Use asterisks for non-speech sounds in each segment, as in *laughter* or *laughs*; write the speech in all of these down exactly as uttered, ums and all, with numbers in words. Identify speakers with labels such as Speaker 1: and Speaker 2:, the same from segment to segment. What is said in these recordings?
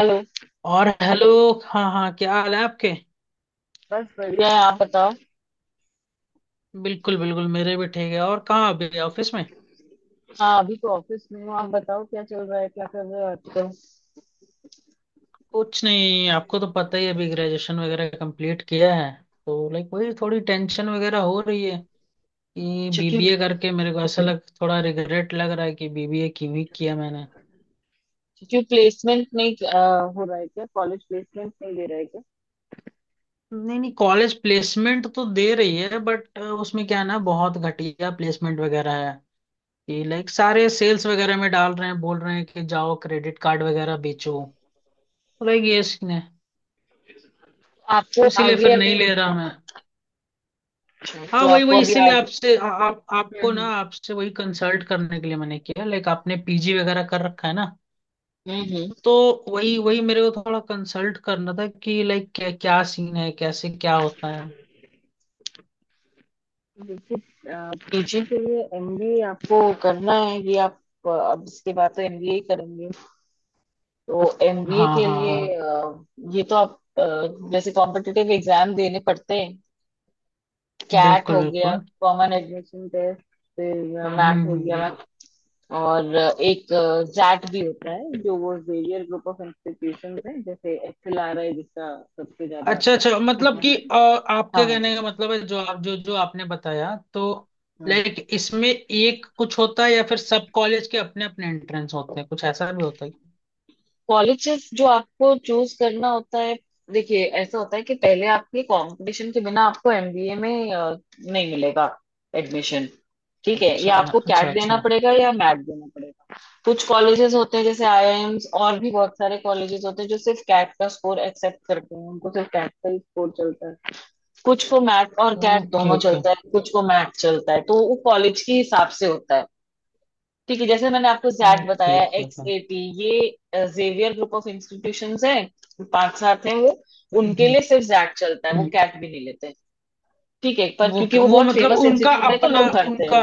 Speaker 1: Hello. बस
Speaker 2: और hello. हाँ हाँ, क्या हाल है आपके।
Speaker 1: क्या? बढ़िया है, आप बताओ।
Speaker 2: बिल्कुल बिल्कुल, मेरे भी ठीक है। और कहाँ अभी, ऑफिस में।
Speaker 1: हाँ, अभी तो ऑफिस में हूँ। आप बताओ, क्या चल रहा है, क्या कर रहे हो आजकल?
Speaker 2: कुछ नहीं, आपको तो पता ही है, अभी ग्रेजुएशन वगैरह कंप्लीट किया है, तो लाइक वही थोड़ी टेंशन वगैरह हो रही है कि
Speaker 1: छुट्टी?
Speaker 2: बीबीए करके मेरे को ऐसा लग, थोड़ा रिग्रेट लग रहा है कि बीबीए क्यों ही किया मैंने।
Speaker 1: छुट्टी प्लेसमेंट नहीं, अ, हो रहा है क्या? कॉलेज प्लेसमेंट नहीं दे रहा है क्या?
Speaker 2: नहीं नहीं, कॉलेज प्लेसमेंट तो दे रही है, बट उसमें क्या है ना, बहुत घटिया प्लेसमेंट वगैरह है कि लाइक सारे सेल्स वगैरह में डाल रहे हैं, बोल रहे हैं कि जाओ क्रेडिट कार्ड वगैरह बेचो। तो लाइक ये सीन है।
Speaker 1: तो
Speaker 2: तो
Speaker 1: आपको
Speaker 2: इसीलिए
Speaker 1: आगे
Speaker 2: फिर नहीं
Speaker 1: अभी,
Speaker 2: ले रहा मैं।
Speaker 1: अच्छा,
Speaker 2: हाँ,
Speaker 1: तो
Speaker 2: वही
Speaker 1: आपको
Speaker 2: वही
Speaker 1: अभी
Speaker 2: इसीलिए
Speaker 1: आगे।
Speaker 2: आपसे आ, आप आपको ना,
Speaker 1: हम्म,
Speaker 2: आपसे वही कंसल्ट करने के लिए मैंने किया, लाइक आपने पीजी वगैरह कर रखा है ना।
Speaker 1: हम्म, हम्म।
Speaker 2: तो वही वही मेरे को थोड़ा कंसल्ट करना था कि लाइक क्या क्या सीन है, कैसे क्या होता है।
Speaker 1: देखिए, पीजी के लिए एमबीए आपको करना है? ये आप, अ, अब इसके बाद तो एमबीए ही करेंगे। तो एमबीए
Speaker 2: हाँ
Speaker 1: के
Speaker 2: हाँ
Speaker 1: लिए,
Speaker 2: हाँ,
Speaker 1: अ, ये तो आप, अ, जैसे कॉम्पिटिटिव एग्जाम देने पड़ते हैं। कैट
Speaker 2: बिल्कुल
Speaker 1: हो गया,
Speaker 2: बिल्कुल।
Speaker 1: Common admission test. फिर
Speaker 2: हम्म
Speaker 1: मैट हो
Speaker 2: हम्म, हम्म।
Speaker 1: गया।
Speaker 2: हम्म।
Speaker 1: और एक जैट भी होता है, जो वो जेवियर ग्रुप ऑफ इंस्टीट्यूशंस है, जैसे एचएलआरआई जिसका सबसे ज्यादा
Speaker 2: अच्छा अच्छा, मतलब
Speaker 1: फेमस
Speaker 2: कि
Speaker 1: है।
Speaker 2: अ, आपके
Speaker 1: हाँ।
Speaker 2: कहने का मतलब है, जो आप जो जो आपने बताया तो,
Speaker 1: हम्म।
Speaker 2: लाइक इसमें एक कुछ होता है, या फिर सब कॉलेज के अपने अपने एंट्रेंस होते हैं, कुछ ऐसा भी होता है क्या?
Speaker 1: कॉलेजेस जो आपको चूज करना होता है। देखिए, ऐसा होता है कि पहले आपके कंपटीशन के बिना आपको एमबीए में, अ, नहीं मिलेगा एडमिशन। ठीक है,
Speaker 2: अच्छा
Speaker 1: या आपको
Speaker 2: अच्छा
Speaker 1: कैट देना
Speaker 2: अच्छा।
Speaker 1: पड़ेगा या मैट देना पड़ेगा। कुछ कॉलेजेस होते हैं जैसे आईआईएम्स, और भी बहुत सारे कॉलेजेस होते हैं जो सिर्फ कैट का स्कोर एक्सेप्ट करते हैं, उनको सिर्फ कैट का ही स्कोर चलता है। कुछ को मैट और कैट
Speaker 2: ओके
Speaker 1: दोनों
Speaker 2: ओके
Speaker 1: चलता है, कुछ को मैट चलता है, तो वो कॉलेज के हिसाब से होता है। ठीक है, जैसे मैंने आपको जैट
Speaker 2: ओके
Speaker 1: बताया,
Speaker 2: ओके
Speaker 1: एक्स
Speaker 2: ओके।
Speaker 1: एटी, ये जेवियर ग्रुप ऑफ इंस्टीट्यूशंस हैं, पांच सात हैं वो।
Speaker 2: हम्म
Speaker 1: उनके
Speaker 2: हम्म
Speaker 1: लिए सिर्फ जैट चलता है, वो
Speaker 2: हम्म।
Speaker 1: कैट भी नहीं लेते। ठीक है, पर
Speaker 2: वो
Speaker 1: क्योंकि वो
Speaker 2: वो
Speaker 1: बहुत
Speaker 2: मतलब
Speaker 1: फेमस
Speaker 2: उनका
Speaker 1: इंस्टीट्यूट है तो
Speaker 2: अपना
Speaker 1: लोग भरते हैं।
Speaker 2: उनका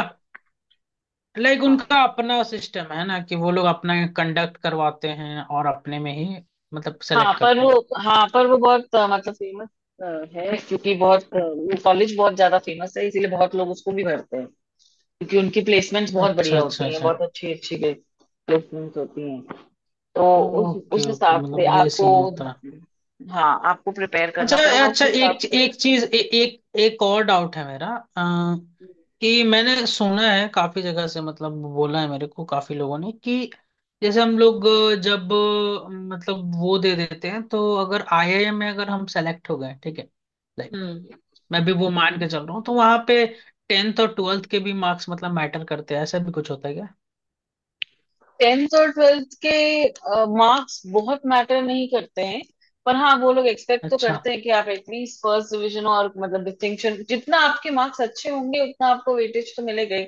Speaker 2: लाइक
Speaker 1: हाँ।
Speaker 2: उनका अपना सिस्टम है ना, कि वो लोग अपना कंडक्ट करवाते हैं और अपने में ही मतलब
Speaker 1: हाँ
Speaker 2: सेलेक्ट
Speaker 1: पर
Speaker 2: करते
Speaker 1: वो
Speaker 2: हैं।
Speaker 1: हाँ पर वो बहुत, अ, मतलब फेमस है, क्योंकि बहुत, अ, वो कॉलेज बहुत ज्यादा फेमस है, इसीलिए बहुत लोग उसको भी भरते हैं। क्योंकि उनकी प्लेसमेंट्स बहुत
Speaker 2: अच्छा
Speaker 1: बढ़िया
Speaker 2: अच्छा
Speaker 1: होती हैं,
Speaker 2: अच्छा।
Speaker 1: बहुत अच्छी अच्छी प्लेसमेंट्स होती हैं। तो उस
Speaker 2: ओके
Speaker 1: उस
Speaker 2: ओके,
Speaker 1: हिसाब से
Speaker 2: मतलब ये
Speaker 1: आपको,
Speaker 2: सीन होता है।
Speaker 1: हाँ, आपको प्रिपेयर
Speaker 2: अच्छा
Speaker 1: करना पड़ेगा
Speaker 2: अच्छा,
Speaker 1: उसी हिसाब
Speaker 2: एक
Speaker 1: से।
Speaker 2: एक चीज ए, एक एक और डाउट है मेरा। आ, कि मैंने सुना है काफी जगह से, मतलब बोला है मेरे को काफी लोगों ने कि, जैसे हम लोग जब अ, मतलब वो दे देते हैं, तो अगर आईआईएम में अगर हम सेलेक्ट हो गए, ठीक है, लाइक
Speaker 1: हम्म
Speaker 2: मैं भी वो मान के चल रहा हूँ, तो वहां पे टेंथ और ट्वेल्थ के भी मार्क्स मतलब मैटर करते हैं, ऐसा भी कुछ होता है क्या?
Speaker 1: टेंथ और ट्वेल्थ के मार्क्स बहुत मैटर नहीं करते हैं। पर हाँ, वो लोग एक्सपेक्ट तो
Speaker 2: अच्छा।
Speaker 1: करते हैं कि आप एटलीस्ट फर्स्ट डिवीजन, और मतलब डिस्टिंक्शन, जितना आपके मार्क्स अच्छे होंगे उतना आपको वेटेज तो मिलेगा ही।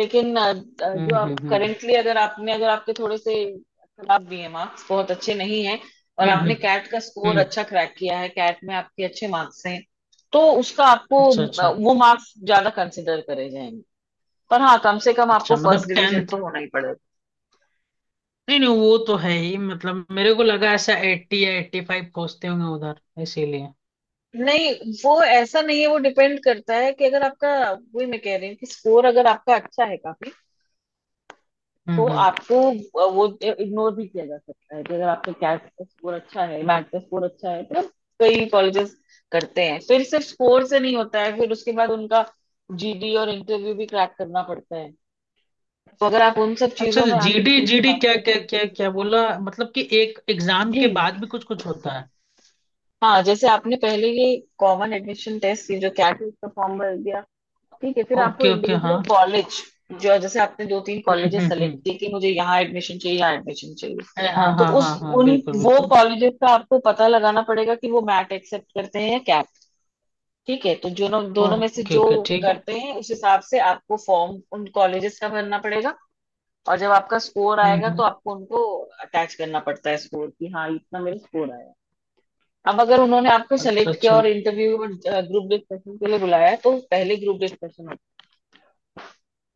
Speaker 1: लेकिन अ, अ,
Speaker 2: हम्म
Speaker 1: जो
Speaker 2: हम्म
Speaker 1: आप
Speaker 2: हम्म
Speaker 1: करेंटली, अगर आपने अगर आपके थोड़े से खराब भी है मार्क्स, बहुत अच्छे नहीं है, और
Speaker 2: हम्म
Speaker 1: आपने
Speaker 2: हम्म
Speaker 1: कैट का स्कोर
Speaker 2: हम्म।
Speaker 1: अच्छा क्रैक किया है, कैट में आपके अच्छे मार्क्स हैं, तो उसका आपको,
Speaker 2: अच्छा
Speaker 1: अ,
Speaker 2: अच्छा
Speaker 1: वो मार्क्स ज्यादा कंसिडर करे जाएंगे। पर हाँ, कम से कम आपको
Speaker 2: अच्छा, मतलब
Speaker 1: फर्स्ट
Speaker 2: टेन।
Speaker 1: डिवीजन तो होना ही पड़ेगा।
Speaker 2: नहीं नहीं, वो तो है ही, मतलब मेरे को लगा ऐसा अस्सी या एटी फाइव खोजते होंगे उधर, इसीलिए।
Speaker 1: नहीं, वो ऐसा नहीं है, वो डिपेंड करता है कि अगर आपका, वही मैं कह रही हूँ कि स्कोर अगर आपका अच्छा है काफी, तो
Speaker 2: हम्म हम्म।
Speaker 1: आपको वो इग्नोर भी किया जा सकता है, कि अगर आपका कैट का स्कोर अच्छा है, मैथ का स्कोर अच्छा है, तो कई कॉलेजेस करते हैं। फिर सिर्फ स्कोर से नहीं होता है, फिर उसके बाद उनका जीडी और इंटरव्यू भी क्रैक करना पड़ता है, तो अगर आप उन सब
Speaker 2: अच्छा,
Speaker 1: चीजों
Speaker 2: तो
Speaker 1: में आगे
Speaker 2: जीडी
Speaker 1: निकल के
Speaker 2: जीडी
Speaker 1: आते
Speaker 2: क्या
Speaker 1: हैं।
Speaker 2: क्या क्या क्या बोला, मतलब कि एक एग्जाम
Speaker 1: जी।
Speaker 2: के बाद भी कुछ कुछ होता है।
Speaker 1: हाँ, जैसे आपने पहले ये कॉमन एडमिशन टेस्ट, ये जो कैट का फॉर्म भर दिया, ठीक है, फिर आपको
Speaker 2: ओके ओके हाँ।
Speaker 1: इंडिविजुअल कॉलेज, जो, जैसे आपने दो तीन
Speaker 2: हम्म
Speaker 1: कॉलेजेस
Speaker 2: हम्म
Speaker 1: सेलेक्ट
Speaker 2: हम्म।
Speaker 1: किए कि मुझे यहाँ एडमिशन चाहिए, यहाँ एडमिशन चाहिए,
Speaker 2: अरे हाँ
Speaker 1: तो
Speaker 2: हाँ
Speaker 1: उस
Speaker 2: हाँ हाँ,
Speaker 1: उन
Speaker 2: बिल्कुल
Speaker 1: वो
Speaker 2: बिल्कुल।
Speaker 1: कॉलेजेस का आपको पता लगाना पड़ेगा कि वो मैट एक्सेप्ट करते हैं या कैप। ठीक है, तो जो, दोनों में से
Speaker 2: ओके
Speaker 1: जो
Speaker 2: ओके ठीक है।
Speaker 1: करते हैं, उस हिसाब से आपको फॉर्म उन कॉलेजेस का भरना पड़ेगा, और जब आपका स्कोर आएगा
Speaker 2: हम्म हम्म।
Speaker 1: तो आपको उनको अटैच करना पड़ता है स्कोर, कि हाँ इतना मेरा स्कोर आया। अब अगर उन्होंने आपको
Speaker 2: अच्छा
Speaker 1: सेलेक्ट किया
Speaker 2: अच्छा
Speaker 1: और इंटरव्यू और ग्रुप डिस्कशन के लिए बुलाया है, तो पहले ग्रुप डिस्कशन।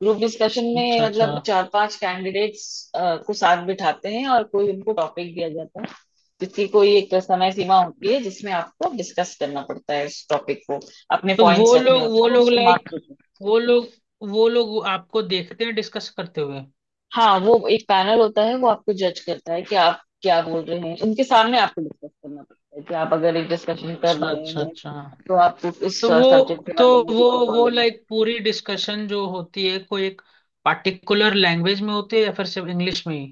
Speaker 1: ग्रुप डिस्कशन में
Speaker 2: अच्छा अच्छा।
Speaker 1: मतलब चार पांच कैंडिडेट्स को साथ बिठाते हैं, और कोई उनको टॉपिक दिया जाता है, जिसकी कोई एक समय सीमा होती है, जिसमें आपको डिस्कस करना पड़ता है इस टॉपिक को, अपने
Speaker 2: तो
Speaker 1: पॉइंट्स
Speaker 2: वो
Speaker 1: रखने
Speaker 2: लोग
Speaker 1: होते
Speaker 2: वो
Speaker 1: हैं,
Speaker 2: लोग
Speaker 1: उसके
Speaker 2: लाइक
Speaker 1: मार्क्स होते हैं।
Speaker 2: वो लोग वो लोग आपको देखते हैं डिस्कस करते हुए।
Speaker 1: हाँ, वो एक पैनल होता है, वो आपको जज करता है कि आप क्या बोल रहे हैं, उनके सामने आपको डिस्कस करना पड़ता है, कि आप अगर एक डिस्कशन कर
Speaker 2: अच्छा
Speaker 1: रहे
Speaker 2: अच्छा
Speaker 1: हैं
Speaker 2: अच्छा।
Speaker 1: तो आपको इस
Speaker 2: तो
Speaker 1: सब्जेक्ट
Speaker 2: वो
Speaker 1: के
Speaker 2: तो
Speaker 1: बारे में
Speaker 2: वो
Speaker 1: कितनी
Speaker 2: वो
Speaker 1: नॉलेज है।
Speaker 2: लाइक पूरी डिस्कशन जो होती है, कोई एक पार्टिकुलर लैंग्वेज में होती है या फिर सिर्फ इंग्लिश में ही?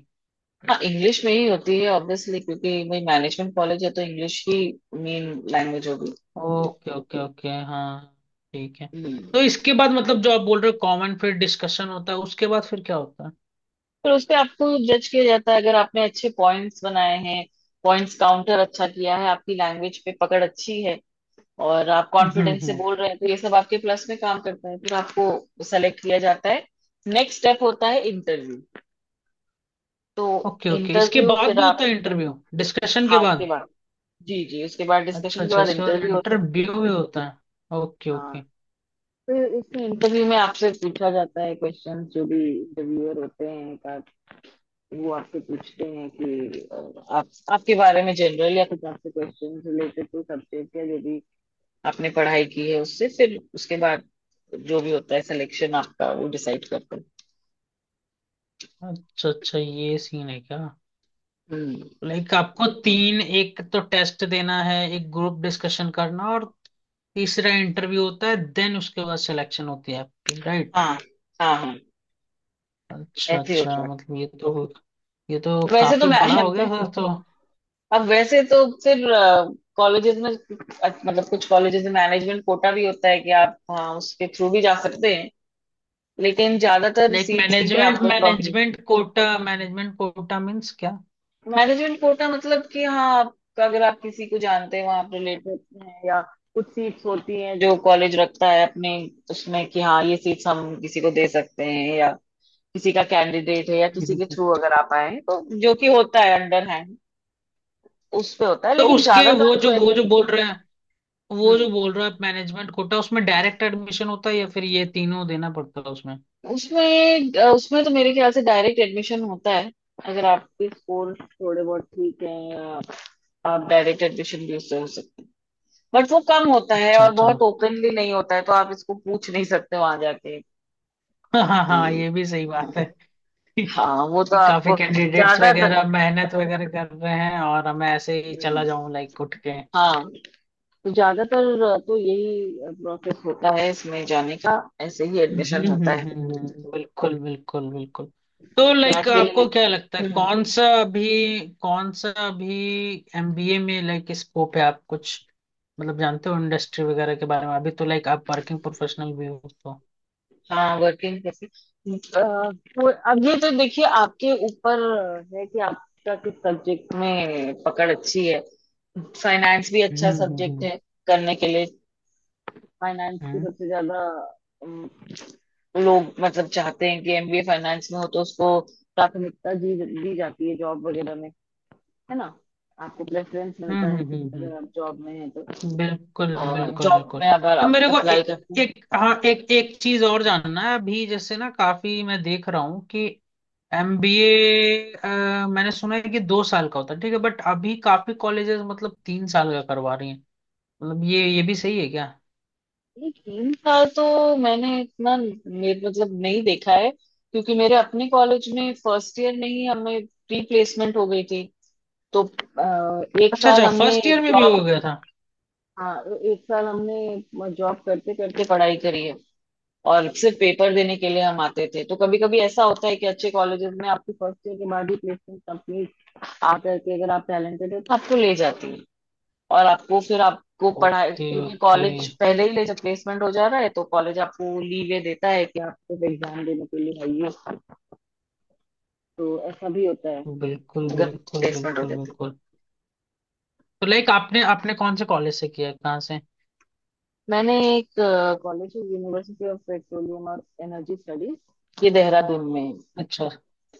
Speaker 1: हाँ, इंग्लिश में ही होती है ऑब्वियसली, क्योंकि वही मैनेजमेंट कॉलेज है, तो इंग्लिश ही मेन लैंग्वेज होगी।
Speaker 2: ओके ओके ओके हाँ, ठीक है। तो
Speaker 1: हम्म।
Speaker 2: इसके बाद, मतलब जो आप बोल रहे हो, कॉमन फिर डिस्कशन होता है, उसके बाद फिर क्या होता है?
Speaker 1: फिर उस पे आपको जज किया जाता है, अगर आपने अच्छे पॉइंट्स बनाए हैं, पॉइंट्स काउंटर अच्छा किया है, आपकी लैंग्वेज पे पकड़ अच्छी है, और आप
Speaker 2: हम्म
Speaker 1: कॉन्फिडेंस से
Speaker 2: हम्म।
Speaker 1: बोल रहे हैं, तो ये सब आपके प्लस में काम करता है, फिर आपको सेलेक्ट किया जाता है। नेक्स्ट स्टेप होता है इंटरव्यू। तो
Speaker 2: ओके ओके, इसके
Speaker 1: इंटरव्यू
Speaker 2: बाद
Speaker 1: फिर
Speaker 2: भी होता
Speaker 1: आप,
Speaker 2: है इंटरव्यू, डिस्कशन के
Speaker 1: हाँ उसके
Speaker 2: बाद?
Speaker 1: बाद, जी जी, उसके बाद
Speaker 2: अच्छा
Speaker 1: डिस्कशन के
Speaker 2: अच्छा,
Speaker 1: बाद
Speaker 2: इसके बाद
Speaker 1: इंटरव्यू होता है।
Speaker 2: इंटरव्यू भी होता है, ओके
Speaker 1: हाँ,
Speaker 2: ओके।
Speaker 1: फिर इस इंटरव्यू में आपसे पूछा जाता है क्वेश्चन, जो भी इंटरव्यूअर होते हैं वो आपसे पूछते हैं कि, अ, आप आपके बारे में जनरल, या कुछ आपसे क्वेश्चन रिलेटेड टू सब्जेक्ट, या जो भी आपने पढ़ाई की है उससे, फिर उसके बाद जो भी होता है सिलेक्शन आपका वो डिसाइड करते हैं।
Speaker 2: अच्छा अच्छा, ये सीन है क्या?
Speaker 1: हम्म।
Speaker 2: लाइक आपको तीन, एक तो टेस्ट देना है, एक ग्रुप डिस्कशन करना और तीसरा इंटरव्यू होता है, देन उसके बाद सिलेक्शन होती है आपकी, राइट?
Speaker 1: हाँ, हाँ, हाँ,
Speaker 2: अच्छा
Speaker 1: ऐसे ही होता
Speaker 2: अच्छा,
Speaker 1: है।
Speaker 2: मतलब ये तो ये तो
Speaker 1: वैसे तो
Speaker 2: काफी बड़ा हो
Speaker 1: मैं
Speaker 2: गया फिर
Speaker 1: *laughs*
Speaker 2: तो।
Speaker 1: अब वैसे तो फिर कॉलेजेस में, अ, मतलब कुछ कॉलेजेस में मैनेजमेंट कोटा भी होता है, कि आप, हाँ, उसके थ्रू भी जा सकते हैं, लेकिन ज्यादातर
Speaker 2: लाइक
Speaker 1: सीट्स के लिए
Speaker 2: मैनेजमेंट
Speaker 1: आपको।
Speaker 2: Management quota management quota means क्या?
Speaker 1: मैनेजमेंट कोटा मतलब कि हाँ आप, अगर आप किसी को जानते हैं, वहाँ आप रिलेटेड हैं, या कुछ सीट्स होती हैं जो कॉलेज रखता है अपने, उसमें कि हाँ ये सीट्स हम किसी को दे सकते हैं, या किसी का कैंडिडेट है, या किसी के थ्रू
Speaker 2: *laughs*
Speaker 1: अगर आप आए हैं, तो जो कि होता है अंडर हैंड, उस पे होता है।
Speaker 2: तो
Speaker 1: लेकिन
Speaker 2: उसके वो
Speaker 1: ज्यादातर जो
Speaker 2: जो वो जो
Speaker 1: एडमिशन,
Speaker 2: बोल रहे हैं, वो जो
Speaker 1: हम्म
Speaker 2: बोल रहा है मैनेजमेंट कोटा, उसमें डायरेक्ट एडमिशन होता है या फिर ये तीनों देना पड़ता है उसमें?
Speaker 1: उसमें अ, उसमें तो मेरे ख्याल से डायरेक्ट एडमिशन होता है, अगर आपके स्कोर थोड़े बहुत ठीक है आप डायरेक्ट एडमिशन भी उससे हो सकते हैं। बट वो कम होता है
Speaker 2: अच्छा
Speaker 1: और
Speaker 2: अच्छा।
Speaker 1: बहुत
Speaker 2: *laughs*
Speaker 1: ओपनली नहीं होता है, तो आप इसको पूछ नहीं सकते वहां जाके
Speaker 2: हाँ हाँ हाँ,
Speaker 1: कि।
Speaker 2: ये भी सही बात है। *laughs* कि
Speaker 1: हाँ वो तो
Speaker 2: काफी
Speaker 1: आपको
Speaker 2: कैंडिडेट्स
Speaker 1: ज्यादातर।
Speaker 2: वगैरह मेहनत वगैरह कर रहे हैं और मैं ऐसे ही चला
Speaker 1: हम्म।
Speaker 2: जाऊं लाइक उठ के।
Speaker 1: हाँ, तो ज्यादातर तो यही प्रोसेस होता है इसमें जाने का, ऐसे ही
Speaker 2: हम्म
Speaker 1: एडमिशन
Speaker 2: हम्म,
Speaker 1: होता है।
Speaker 2: हम्म, हम्म, बिल्कुल बिल्कुल बिल्कुल। तो लाइक
Speaker 1: फ्लैट के लिए
Speaker 2: आपको क्या लगता है,
Speaker 1: नहीं। हम्म।
Speaker 2: कौन सा अभी कौन सा अभी एमबीए में लाइक स्कोप है, आप कुछ मतलब जानते हो इंडस्ट्री वगैरह के बारे में, अभी तो लाइक आप वर्किंग प्रोफेशनल भी हो तो।
Speaker 1: हाँ, वर्किंग कैसे, अ, तो अब ये तो देखिए आपके ऊपर है कि आपका किस सब्जेक्ट में पकड़ अच्छी है। फाइनेंस भी
Speaker 2: हम्म
Speaker 1: अच्छा
Speaker 2: हम्म
Speaker 1: सब्जेक्ट
Speaker 2: हम्म
Speaker 1: है करने के लिए। फाइनेंस की
Speaker 2: हम्म
Speaker 1: सबसे ज्यादा, अम, लोग मतलब चाहते हैं कि एमबीए फाइनेंस में हो, तो उसको प्राथमिकता दी दी जाती है जॉब वगैरह में, है ना, आपको प्रेफरेंस
Speaker 2: हम्म
Speaker 1: मिलता है,
Speaker 2: हम्म, हम्म,
Speaker 1: अगर आप जॉब में हैं तो,
Speaker 2: बिल्कुल बिल्कुल
Speaker 1: जॉब
Speaker 2: बिल्कुल।
Speaker 1: में अगर
Speaker 2: तो
Speaker 1: आप
Speaker 2: मेरे को
Speaker 1: अप्लाई
Speaker 2: ए,
Speaker 1: करते हैं।
Speaker 2: एक हाँ, एक एक चीज और जानना है अभी, जैसे ना काफी मैं देख रहा हूँ कि एमबीए, मैंने सुना है कि दो साल का होता है, ठीक है, बट अभी काफी कॉलेजेस मतलब तीन साल का करवा रही हैं, मतलब ये ये भी सही है क्या?
Speaker 1: ये तीन साल तो मैंने इतना, मेरे मतलब नहीं देखा है, क्योंकि मेरे अपने कॉलेज में फर्स्ट ईयर में ही हमें प्री प्लेसमेंट हो गई थी। तो अ, एक
Speaker 2: अच्छा
Speaker 1: साल
Speaker 2: अच्छा,
Speaker 1: हमने
Speaker 2: फर्स्ट ईयर में भी हो
Speaker 1: जॉब,
Speaker 2: गया था,
Speaker 1: हाँ, एक साल हमने जॉब करते करते पढ़ाई करी है, और सिर्फ पेपर देने के लिए हम आते थे। तो कभी कभी ऐसा होता है कि अच्छे कॉलेजेस में आपकी फर्स्ट ईयर के बाद ही प्लेसमेंट कंप्लीट आ करके, अगर आप टैलेंटेड हो तो आपको ले जाती है, और आपको, फिर आपको पढ़ाई,
Speaker 2: ओके
Speaker 1: क्योंकि
Speaker 2: ओके।
Speaker 1: कॉलेज पहले ही ले, जब प्लेसमेंट हो जा रहा है तो कॉलेज आपको लीवे देता है कि आप सिर्फ एग्जाम देने के लिए आइए। तो ऐसा भी होता है,
Speaker 2: बिल्कुल
Speaker 1: अगर
Speaker 2: बिल्कुल
Speaker 1: प्लेसमेंट हो
Speaker 2: बिल्कुल
Speaker 1: जाती है।
Speaker 2: बिल्कुल, तो लाइक आपने आपने कौन से कॉलेज से किया है? कहाँ से?
Speaker 1: मैंने एक कॉलेज, यूनिवर्सिटी ऑफ पेट्रोलियम और एनर्जी स्टडीज, ये देहरादून में है।
Speaker 2: अच्छा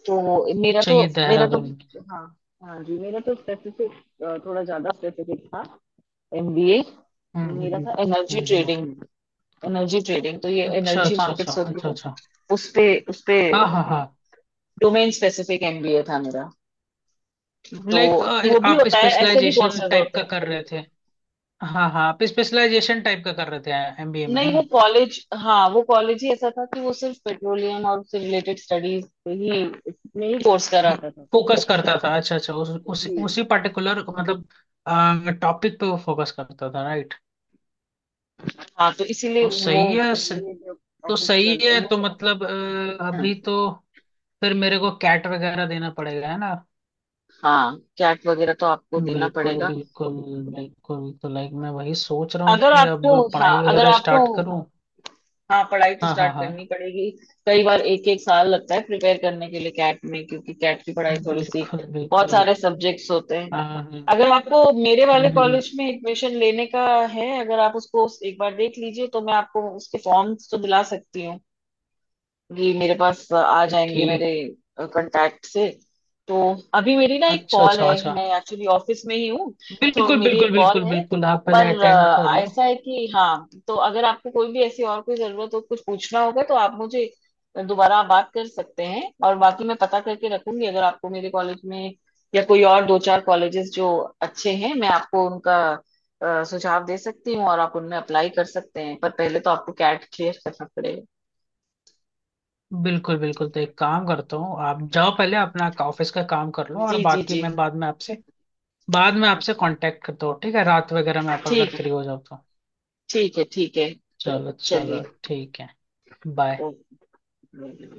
Speaker 1: तो मेरा
Speaker 2: अच्छा,
Speaker 1: तो
Speaker 2: ये
Speaker 1: मेरा तो,
Speaker 2: देहरादून।
Speaker 1: हाँ, हाँ जी, मेरा तो स्पेसिफिक, थोड़ा ज्यादा स्पेसिफिक था एमबीए,
Speaker 2: हम्म हम्म
Speaker 1: मेरा
Speaker 2: हम्म
Speaker 1: था एनर्जी
Speaker 2: हम्म, हम्म।
Speaker 1: ट्रेडिंग। एनर्जी ट्रेडिंग, तो ये
Speaker 2: अच्छा
Speaker 1: एनर्जी
Speaker 2: अच्छा अच्छा
Speaker 1: मार्केट्स होती
Speaker 2: अच्छा
Speaker 1: है,
Speaker 2: अच्छा।
Speaker 1: उस पे उस पे
Speaker 2: हाँ हाँ हाँ।
Speaker 1: डोमेन स्पेसिफिक एमबीए था मेरा। तो
Speaker 2: लाइक
Speaker 1: वो भी
Speaker 2: आप
Speaker 1: होता है, ऐसे भी
Speaker 2: स्पेशलाइजेशन
Speaker 1: कोर्सेज
Speaker 2: टाइप
Speaker 1: होते
Speaker 2: का
Speaker 1: हैं।
Speaker 2: कर रहे थे, हाँ हाँ, आप स्पेशलाइजेशन टाइप का कर रहे थे एमबीए में,
Speaker 1: नहीं,
Speaker 2: है
Speaker 1: वो
Speaker 2: ना?
Speaker 1: कॉलेज हाँ, वो कॉलेज ही ऐसा था कि वो सिर्फ पेट्रोलियम और उससे रिलेटेड स्टडीज पे ही, में ही कोर्स
Speaker 2: ये
Speaker 1: कराता था।
Speaker 2: फोकस करता था, अच्छा अच्छा, उस, उस,
Speaker 1: जी।
Speaker 2: उसी पर्टिकुलर मतलब टॉपिक पे वो फोकस करता था, राइट?
Speaker 1: हाँ, तो इसीलिए
Speaker 2: तो
Speaker 1: वो,
Speaker 2: सही है, स,
Speaker 1: ये जो
Speaker 2: तो
Speaker 1: ऑफिस
Speaker 2: सही
Speaker 1: कर
Speaker 2: है, तो
Speaker 1: वो,
Speaker 2: मतलब अ,
Speaker 1: हाँ।
Speaker 2: अभी तो फिर मेरे को कैट वगैरह देना पड़ेगा, है ना?
Speaker 1: हाँ, कैट वगैरह तो आपको देना
Speaker 2: बिल्कुल
Speaker 1: पड़ेगा।
Speaker 2: बिल्कुल बिल्कुल। तो लाइक मैं वही सोच रहा हूँ
Speaker 1: अगर
Speaker 2: कि
Speaker 1: आपको,
Speaker 2: अब
Speaker 1: हाँ,
Speaker 2: पढ़ाई
Speaker 1: अगर
Speaker 2: वगैरह
Speaker 1: आपको,
Speaker 2: स्टार्ट करूँ।
Speaker 1: हाँ, पढ़ाई तो
Speaker 2: हाँ हाँ
Speaker 1: स्टार्ट
Speaker 2: हाँ,
Speaker 1: करनी पड़ेगी। कई बार एक एक साल लगता है प्रिपेयर करने के लिए कैट में, क्योंकि कैट की पढ़ाई थोड़ी सी,
Speaker 2: बिल्कुल
Speaker 1: बहुत
Speaker 2: बिल्कुल।
Speaker 1: सारे सब्जेक्ट्स होते हैं।
Speaker 2: हाँ हाँ, हम्म
Speaker 1: अगर आपको मेरे वाले
Speaker 2: हम्म।
Speaker 1: कॉलेज में एडमिशन लेने का है, अगर आप उसको एक बार देख लीजिए, तो मैं आपको उसके फॉर्म्स तो दिला सकती हूँ, ये मेरे पास आ
Speaker 2: तो
Speaker 1: जाएंगे मेरे
Speaker 2: ठीक।
Speaker 1: कांटेक्ट से। तो अभी मेरी ना एक
Speaker 2: अच्छा
Speaker 1: कॉल
Speaker 2: अच्छा
Speaker 1: है,
Speaker 2: अच्छा।
Speaker 1: मैं एक्चुअली ऑफिस में ही हूँ, तो
Speaker 2: बिल्कुल
Speaker 1: मेरी
Speaker 2: बिल्कुल
Speaker 1: एक कॉल
Speaker 2: बिल्कुल
Speaker 1: है।
Speaker 2: बिल्कुल, आप
Speaker 1: पर
Speaker 2: पहले अटेंड कर
Speaker 1: अ,
Speaker 2: लो।
Speaker 1: ऐसा है कि हाँ, तो अगर आपको कोई भी ऐसी और कोई जरूरत हो, कुछ पूछना होगा, तो आप मुझे दोबारा बात कर सकते हैं, और बाकी मैं पता करके रखूंगी, अगर आपको मेरे कॉलेज में, या कोई और दो चार कॉलेजेस जो अच्छे हैं, मैं आपको उनका अ, सुझाव दे सकती हूँ, और आप उनमें अप्लाई कर सकते हैं, पर पहले तो आपको कैट क्लियर करना पड़ेगा।
Speaker 2: बिल्कुल बिल्कुल, तो एक काम करता हूँ, आप जाओ पहले अपना ऑफिस का काम कर लो, और
Speaker 1: जी, जी,
Speaker 2: बाकी
Speaker 1: जी।
Speaker 2: मैं बाद में आपसे बाद में आपसे
Speaker 1: अच्छा।
Speaker 2: कांटेक्ट करता हूँ, ठीक है, रात वगैरह में आप अगर
Speaker 1: ठीक है,
Speaker 2: फ्री हो जाओ तो।
Speaker 1: ठीक है, ठीक है।
Speaker 2: चलो
Speaker 1: चलिए।
Speaker 2: चलो ठीक है। बाय।
Speaker 1: ओके।